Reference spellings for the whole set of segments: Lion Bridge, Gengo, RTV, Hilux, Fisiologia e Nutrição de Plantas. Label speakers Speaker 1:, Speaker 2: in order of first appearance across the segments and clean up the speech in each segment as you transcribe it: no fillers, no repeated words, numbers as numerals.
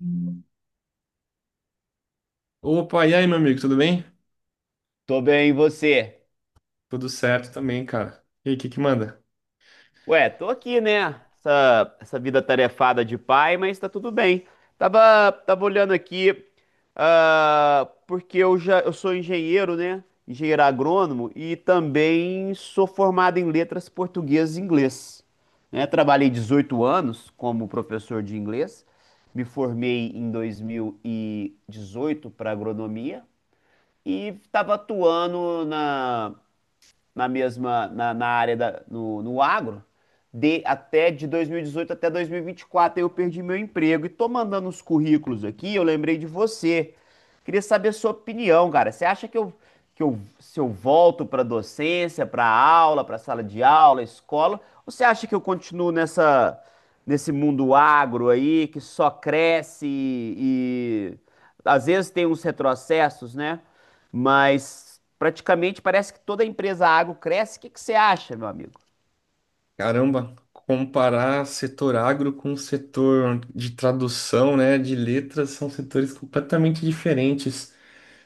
Speaker 1: Hum. Opa, e aí, meu amigo, tudo bem?
Speaker 2: Tô bem, e você?
Speaker 1: Tudo certo também, cara. E aí, o que que manda?
Speaker 2: Ué, tô aqui, né? Essa vida tarefada de pai, mas tá tudo bem. Tava olhando aqui, porque eu sou engenheiro, né? Engenheiro agrônomo, e também sou formado em letras portuguesas e inglês. Né? Trabalhei 18 anos como professor de inglês, me formei em 2018 para agronomia e estava atuando na área da, no, no agro de até de 2018 até 2024. Aí eu perdi meu emprego e tô mandando os currículos aqui. Eu lembrei de você. Queria saber a sua opinião, cara. Você acha que eu se eu volto para docência, para aula, para sala de aula, escola, ou você acha que eu continuo nessa nesse mundo agro aí que só cresce, e às vezes tem uns retrocessos, né? Mas praticamente parece que toda empresa agro cresce. O que que você acha, meu amigo?
Speaker 1: Caramba, comparar setor agro com setor de tradução, né, de letras, são setores completamente diferentes.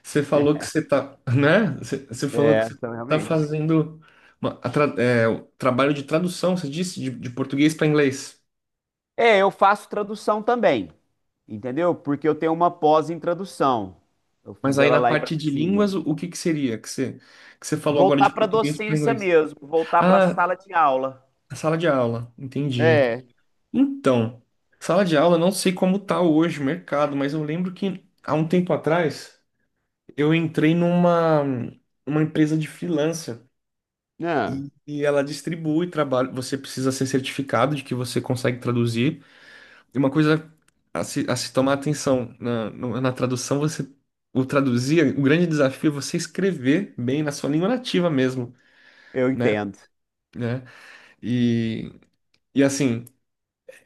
Speaker 1: Você falou que você tá, né? Você falou que
Speaker 2: É,
Speaker 1: você
Speaker 2: então
Speaker 1: tá
Speaker 2: realmente.
Speaker 1: fazendo o trabalho de tradução, você disse, de português para inglês.
Speaker 2: É, eu faço tradução também, entendeu? Porque eu tenho uma pós em tradução. Eu
Speaker 1: Mas
Speaker 2: fiz
Speaker 1: aí
Speaker 2: ela
Speaker 1: na
Speaker 2: lá em
Speaker 1: parte de
Speaker 2: Brasília.
Speaker 1: línguas, o que que seria que você falou agora
Speaker 2: Voltar
Speaker 1: de
Speaker 2: para
Speaker 1: português para
Speaker 2: docência
Speaker 1: inglês?
Speaker 2: mesmo, voltar para a
Speaker 1: Ah,
Speaker 2: sala de aula.
Speaker 1: sala de aula, entendi.
Speaker 2: É,
Speaker 1: Então, sala de aula, eu não sei como tá hoje o mercado, mas eu lembro que há um tempo atrás eu entrei numa uma empresa de freelancer
Speaker 2: não.
Speaker 1: e ela distribui trabalho. Você precisa ser certificado de que você consegue traduzir. E uma coisa a se tomar atenção na, no- na tradução, você o traduzir, o grande desafio é você escrever bem na sua língua nativa mesmo,
Speaker 2: Eu
Speaker 1: né?
Speaker 2: entendo.
Speaker 1: Né? E, e assim.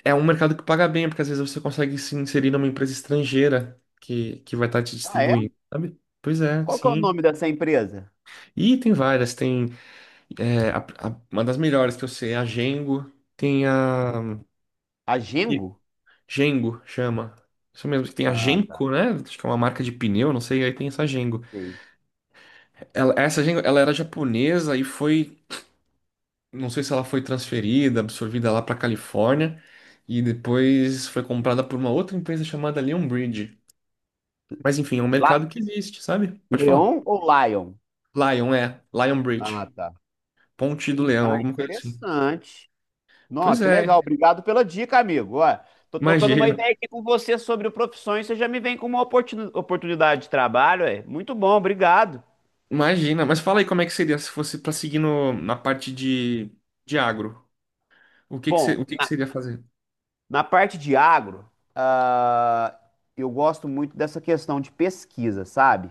Speaker 1: É um mercado que paga bem, porque às vezes você consegue se inserir numa empresa estrangeira que vai estar te
Speaker 2: Ah, é?
Speaker 1: distribuindo, sabe? Pois é,
Speaker 2: Qual que é o
Speaker 1: sim.
Speaker 2: nome dessa empresa?
Speaker 1: E tem várias, tem uma das melhores que eu sei, é a Gengo, tem a
Speaker 2: A
Speaker 1: E-
Speaker 2: Gengo?
Speaker 1: Gengo chama. Isso mesmo, que tem a
Speaker 2: Ah, tá.
Speaker 1: Genko, né? Acho que é uma marca de pneu, não sei, aí tem essa Gengo.
Speaker 2: Sei.
Speaker 1: Essa Gengo, ela era japonesa e foi, não sei se ela foi transferida, absorvida lá para Califórnia e depois foi comprada por uma outra empresa chamada Leon. Mas enfim, é um
Speaker 2: La-
Speaker 1: mercado que existe, sabe? Pode falar.
Speaker 2: Leon ou Lion?
Speaker 1: Lion, é. Lion Bridge.
Speaker 2: Ah, tá.
Speaker 1: Ponte do Leão,
Speaker 2: Ah,
Speaker 1: alguma coisa assim.
Speaker 2: interessante. Não,
Speaker 1: Pois
Speaker 2: que legal.
Speaker 1: é,
Speaker 2: Obrigado pela dica, amigo. Ó, tô trocando uma
Speaker 1: imagina.
Speaker 2: ideia aqui com você sobre profissões. Você já me vem com uma oportunidade de trabalho, é? Muito bom, obrigado.
Speaker 1: Imagina. Mas fala aí como é que seria se fosse pra seguir no, na parte de agro. O que que, você,
Speaker 2: Bom,
Speaker 1: o que que você iria fazer?
Speaker 2: na parte de agro, ah, eu gosto muito dessa questão de pesquisa, sabe?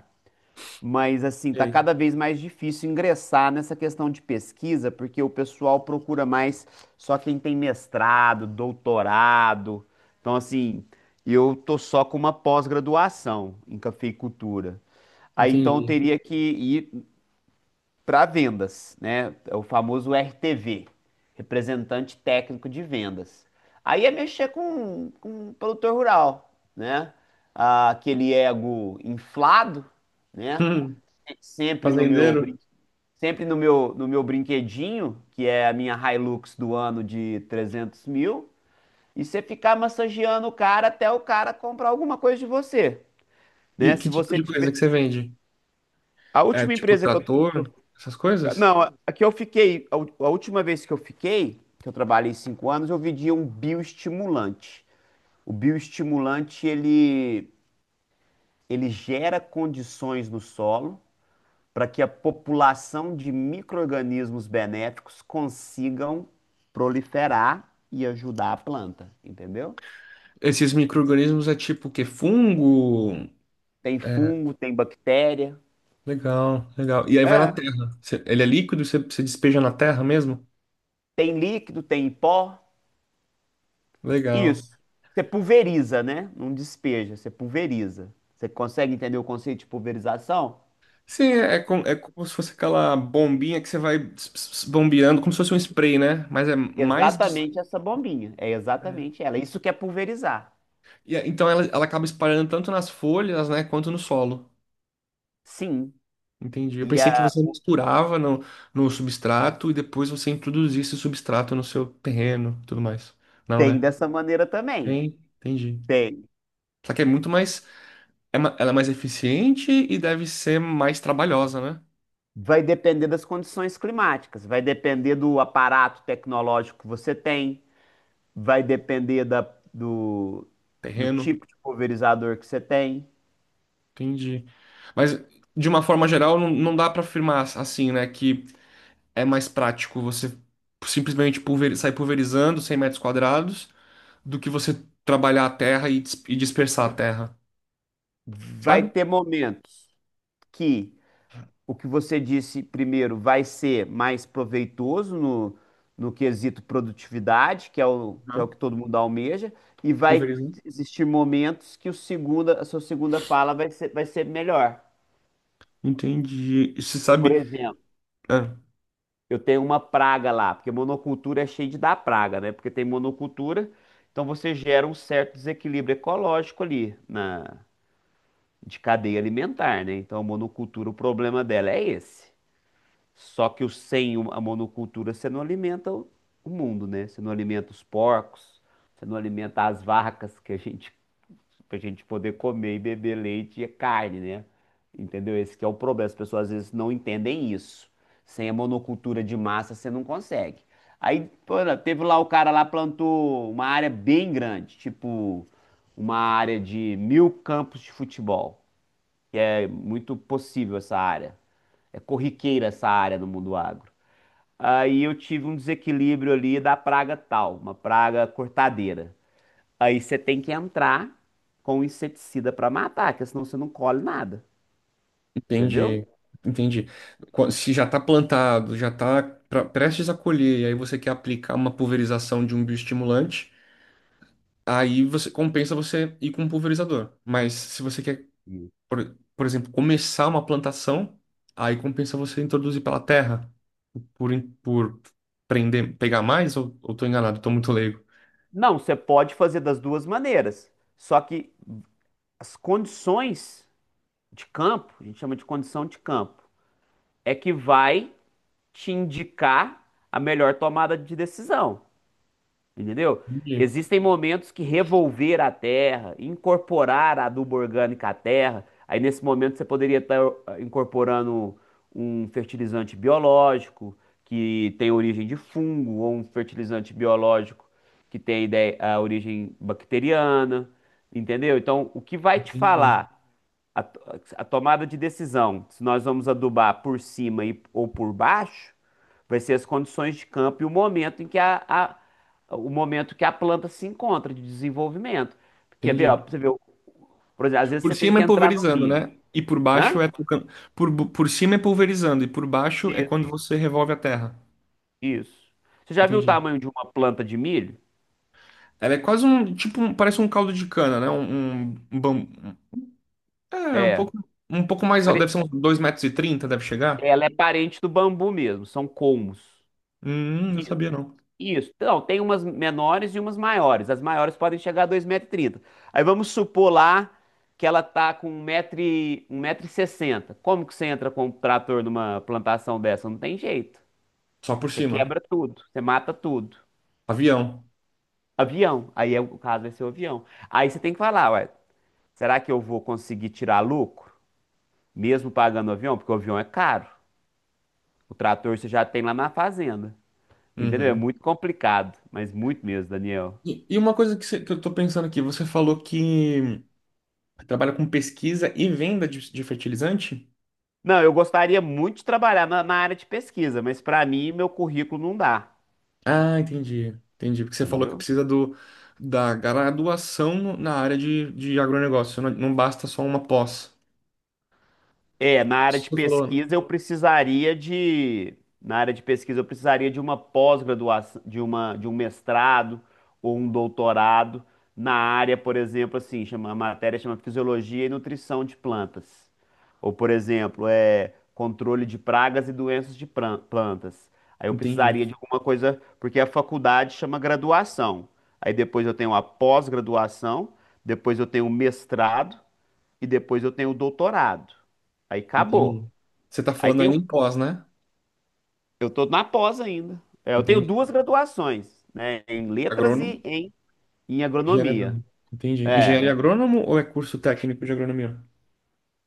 Speaker 2: Mas assim, tá
Speaker 1: Ei,
Speaker 2: cada vez mais difícil ingressar nessa questão de pesquisa, porque o pessoal procura mais só quem tem mestrado, doutorado. Então, assim, eu tô só com uma pós-graduação em cafeicultura. Aí então eu
Speaker 1: entendi.
Speaker 2: teria que ir para vendas, né? É o famoso RTV, representante técnico de vendas. Aí é mexer com o produtor rural, né? Ah, aquele ego inflado, né?
Speaker 1: Hum,
Speaker 2: Sempre no meu
Speaker 1: fazendeiro?
Speaker 2: brin- sempre no meu no meu brinquedinho, que é a minha Hilux do ano de 300.000, e você ficar massageando o cara até o cara comprar alguma coisa de você, né?
Speaker 1: E que
Speaker 2: Se
Speaker 1: tipo
Speaker 2: você
Speaker 1: de coisa
Speaker 2: tiver
Speaker 1: que você vende?
Speaker 2: a
Speaker 1: É
Speaker 2: última
Speaker 1: tipo
Speaker 2: empresa que
Speaker 1: trator,
Speaker 2: eu,
Speaker 1: essas
Speaker 2: que
Speaker 1: coisas?
Speaker 2: não, aqui eu fiquei, a a última vez que eu fiquei, que eu trabalhei 5 anos, eu vendia um bioestimulante. O bioestimulante, ele gera condições no solo para que a população de micro-organismos benéficos consigam proliferar e ajudar a planta, entendeu?
Speaker 1: Esses micro-organismos é tipo o quê? Fungo?
Speaker 2: Tem fungo, tem bactéria,
Speaker 1: Legal, legal. E aí vai na
Speaker 2: é,
Speaker 1: terra. Você- Ele é líquido, você, você despeja na terra mesmo?
Speaker 2: tem líquido, tem pó.
Speaker 1: Legal.
Speaker 2: Isso. Você pulveriza, né? Não despeja, você pulveriza. Você consegue entender o conceito de pulverização?
Speaker 1: Sim, é, é com- é como se fosse aquela bombinha que você vai bombeando, como se fosse um spray, né? Mas é mais de...
Speaker 2: Exatamente essa bombinha. É
Speaker 1: é.
Speaker 2: exatamente ela. É isso que é pulverizar.
Speaker 1: E é- então ela acaba espalhando tanto nas folhas, né, quanto no solo.
Speaker 2: Sim.
Speaker 1: Entendi. Eu
Speaker 2: E
Speaker 1: pensei que
Speaker 2: ah,
Speaker 1: você misturava no substrato e depois você introduzia esse substrato no seu terreno, e tudo mais. Não,
Speaker 2: tem
Speaker 1: né?
Speaker 2: dessa maneira também.
Speaker 1: Tem, entendi.
Speaker 2: Tem.
Speaker 1: Só que é muito mais, ela é mais eficiente e deve ser mais trabalhosa, né?
Speaker 2: Vai depender das condições climáticas, vai depender do aparato tecnológico que você tem, vai depender do do
Speaker 1: Terreno.
Speaker 2: tipo de pulverizador que você tem.
Speaker 1: Entendi. Mas, de uma forma geral, não, não dá pra afirmar assim, né, que é mais prático você sair pulverizando 100 metros quadrados do que você trabalhar a terra e dispersar a terra,
Speaker 2: Vai
Speaker 1: sabe?
Speaker 2: ter momentos que o que você disse primeiro vai ser mais proveitoso no quesito produtividade, que é o
Speaker 1: Uhum.
Speaker 2: que todo mundo almeja, e vai
Speaker 1: Pulverizando.
Speaker 2: existir momentos que o segunda, a sua segunda fala vai ser melhor.
Speaker 1: Entendi. E você
Speaker 2: Eu, por
Speaker 1: sabe.
Speaker 2: exemplo,
Speaker 1: Ah,
Speaker 2: eu tenho uma praga lá, porque monocultura é cheio de dar praga, né? Porque tem monocultura, então você gera um certo desequilíbrio ecológico ali na, de cadeia alimentar, né? Então a monocultura, o problema dela é esse. Só que sem a monocultura você não alimenta o mundo, né? Você não alimenta os porcos, você não alimenta as vacas que a gente, pra gente poder comer e beber leite e carne, né? Entendeu? Esse que é o problema. As pessoas às vezes não entendem isso. Sem a monocultura de massa você não consegue. Aí, pô, teve lá o cara lá, plantou uma área bem grande, tipo uma área de 1.000 campos de futebol. É muito possível essa área. É corriqueira essa área no mundo agro. Aí eu tive um desequilíbrio ali da praga tal, uma praga cortadeira. Aí você tem que entrar com o inseticida para matar, porque senão você não colhe nada, entendeu?
Speaker 1: entendi. Entendi. Qu- Se já está plantado, já está prestes a colher, e aí você quer aplicar uma pulverização de um bioestimulante, aí você compensa você ir com um pulverizador. Mas se você quer
Speaker 2: Sim.
Speaker 1: por exemplo, começar uma plantação, aí compensa você introduzir pela terra, por prender, pegar mais, ou tô enganado, tô muito leigo.
Speaker 2: Não, você pode fazer das duas maneiras. Só que as condições de campo, a gente chama de condição de campo, é que vai te indicar a melhor tomada de decisão. Entendeu?
Speaker 1: Entendi,
Speaker 2: Existem momentos que revolver a terra, incorporar a adubo orgânico à terra, aí nesse momento você poderia estar incorporando um fertilizante biológico que tem origem de fungo, ou um fertilizante biológico que tem a origem bacteriana, entendeu? Então, o que vai te
Speaker 1: entendi,
Speaker 2: falar a, to- a tomada de decisão, se nós vamos adubar por cima ou por baixo, vai ser as condições de campo e o momento em que o momento que a planta se encontra de desenvolvimento. Quer ver, ó,
Speaker 1: entendi.
Speaker 2: pra você ver, por exemplo, às vezes
Speaker 1: Por
Speaker 2: você tem
Speaker 1: cima
Speaker 2: que
Speaker 1: é
Speaker 2: entrar no
Speaker 1: pulverizando,
Speaker 2: milho.
Speaker 1: né? E por
Speaker 2: Hã?
Speaker 1: baixo é trocando. Por cima é pulverizando, e por baixo é quando
Speaker 2: Isso.
Speaker 1: você revolve a terra.
Speaker 2: Isso. Você já viu o
Speaker 1: Entendi.
Speaker 2: tamanho de uma planta de milho?
Speaker 1: Ela é quase um, tipo, um- parece um caldo de cana, né? Um bam- é,
Speaker 2: É.
Speaker 1: um pouco mais alto,
Speaker 2: Pare-
Speaker 1: deve ser uns 2,30 metros, e trinta, deve chegar.
Speaker 2: Ela é parente do bambu mesmo, são colmos.
Speaker 1: Não sabia não.
Speaker 2: Isso. Então, tem umas menores e umas maiores. As maiores podem chegar a 2,30 metros. Aí vamos supor lá que ela tá com um metro e 1,60 metro. Como que você entra com um trator numa plantação dessa? Não tem jeito.
Speaker 1: Só por
Speaker 2: Você
Speaker 1: cima.
Speaker 2: quebra tudo, você mata tudo.
Speaker 1: Avião.
Speaker 2: Avião. Aí é o caso, vai ser o avião. Aí você tem que falar, ué, será que eu vou conseguir tirar lucro? Mesmo pagando o avião? Porque o avião é caro. O trator você já tem lá na fazenda. Entendeu? É
Speaker 1: Uhum.
Speaker 2: muito complicado, mas muito mesmo, Daniel.
Speaker 1: E uma coisa que, você- que eu tô pensando aqui, você falou que trabalha com pesquisa e venda de fertilizante?
Speaker 2: Não, eu gostaria muito de trabalhar na, na área de pesquisa, mas para mim, meu currículo não dá,
Speaker 1: Ah, entendi. Entendi. Porque você falou que
Speaker 2: entendeu?
Speaker 1: precisa do, da graduação no- na área de agronegócio. Não, não basta só uma pós.
Speaker 2: É, na área
Speaker 1: Isso que
Speaker 2: de
Speaker 1: você falou.
Speaker 2: pesquisa eu precisaria de, na área de pesquisa eu precisaria de uma pós-graduação, de uma, de um mestrado ou um doutorado na área, por exemplo, assim, chama, a matéria chama Fisiologia e Nutrição de Plantas. Ou, por exemplo, é controle de pragas e doenças de plantas. Aí eu
Speaker 1: Entendi.
Speaker 2: precisaria de alguma coisa, porque a faculdade chama graduação. Aí depois eu tenho a pós-graduação, depois eu tenho o mestrado e depois eu tenho o doutorado. Aí acabou.
Speaker 1: Entendi. Você tá
Speaker 2: Aí
Speaker 1: falando
Speaker 2: tenho,
Speaker 1: ainda em pós, né?
Speaker 2: eu estou na pós ainda. É, eu tenho
Speaker 1: Entendi.
Speaker 2: duas graduações, né? Em letras
Speaker 1: Agrônomo?
Speaker 2: e em
Speaker 1: Engenharia agrônoma.
Speaker 2: agronomia.
Speaker 1: Entendi.
Speaker 2: É,
Speaker 1: Engenharia agrônomo ou é curso técnico de agronomia?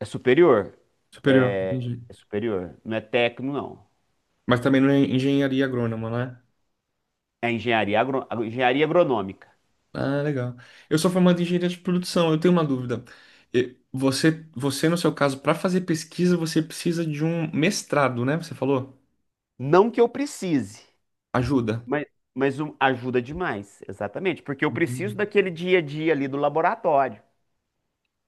Speaker 2: é superior.
Speaker 1: Superior. Entendi.
Speaker 2: É superior. Não é técnico, não.
Speaker 1: Mas também não é engenharia agrônoma, né?
Speaker 2: É engenharia, agro, engenharia agronômica.
Speaker 1: Ah, legal. Eu sou formado em engenharia de produção. Eu tenho uma dúvida. E você, você no seu caso, para fazer pesquisa, você precisa de um mestrado, né? Você falou?
Speaker 2: Não que eu precise,
Speaker 1: Ajuda.
Speaker 2: mas, ajuda demais. Exatamente. Porque eu preciso
Speaker 1: Entendi.
Speaker 2: daquele dia a dia ali do laboratório.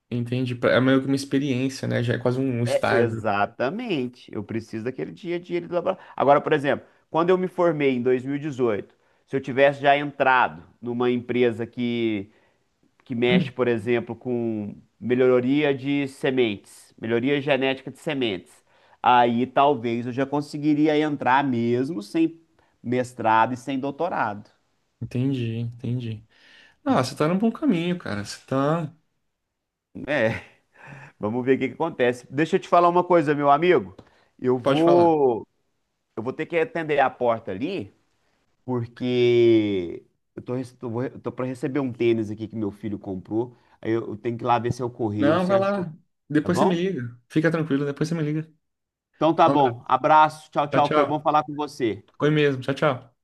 Speaker 1: Entendi. Pra- É meio que uma experiência, né? Já é quase um
Speaker 2: É,
Speaker 1: estágio.
Speaker 2: exatamente. Eu preciso daquele dia a dia ali do laboratório. Agora, por exemplo, quando eu me formei em 2018, se eu tivesse já entrado numa empresa que mexe, por exemplo, com melhoria de sementes, melhoria genética de sementes, aí talvez eu já conseguiria entrar mesmo sem mestrado e sem doutorado.
Speaker 1: Entendi. Ah, você tá num bom caminho, cara. Você tá.
Speaker 2: É, vamos ver o que que acontece. Deixa eu te falar uma coisa, meu amigo. Eu
Speaker 1: Pode falar.
Speaker 2: vou, eu vou ter que atender a porta ali. Porque eu tô, eu tô para receber um tênis aqui que meu filho comprou. Aí eu tenho que ir lá ver se é o correio,
Speaker 1: Não,
Speaker 2: se
Speaker 1: vai
Speaker 2: achou,
Speaker 1: lá.
Speaker 2: tá
Speaker 1: Depois você me
Speaker 2: bom?
Speaker 1: liga. Fica tranquilo, depois você me liga.
Speaker 2: Então tá
Speaker 1: Um abraço.
Speaker 2: bom. Abraço, tchau,
Speaker 1: Tchau,
Speaker 2: tchau. Foi bom
Speaker 1: tchau.
Speaker 2: falar com você.
Speaker 1: Foi mesmo. Tchau, tchau.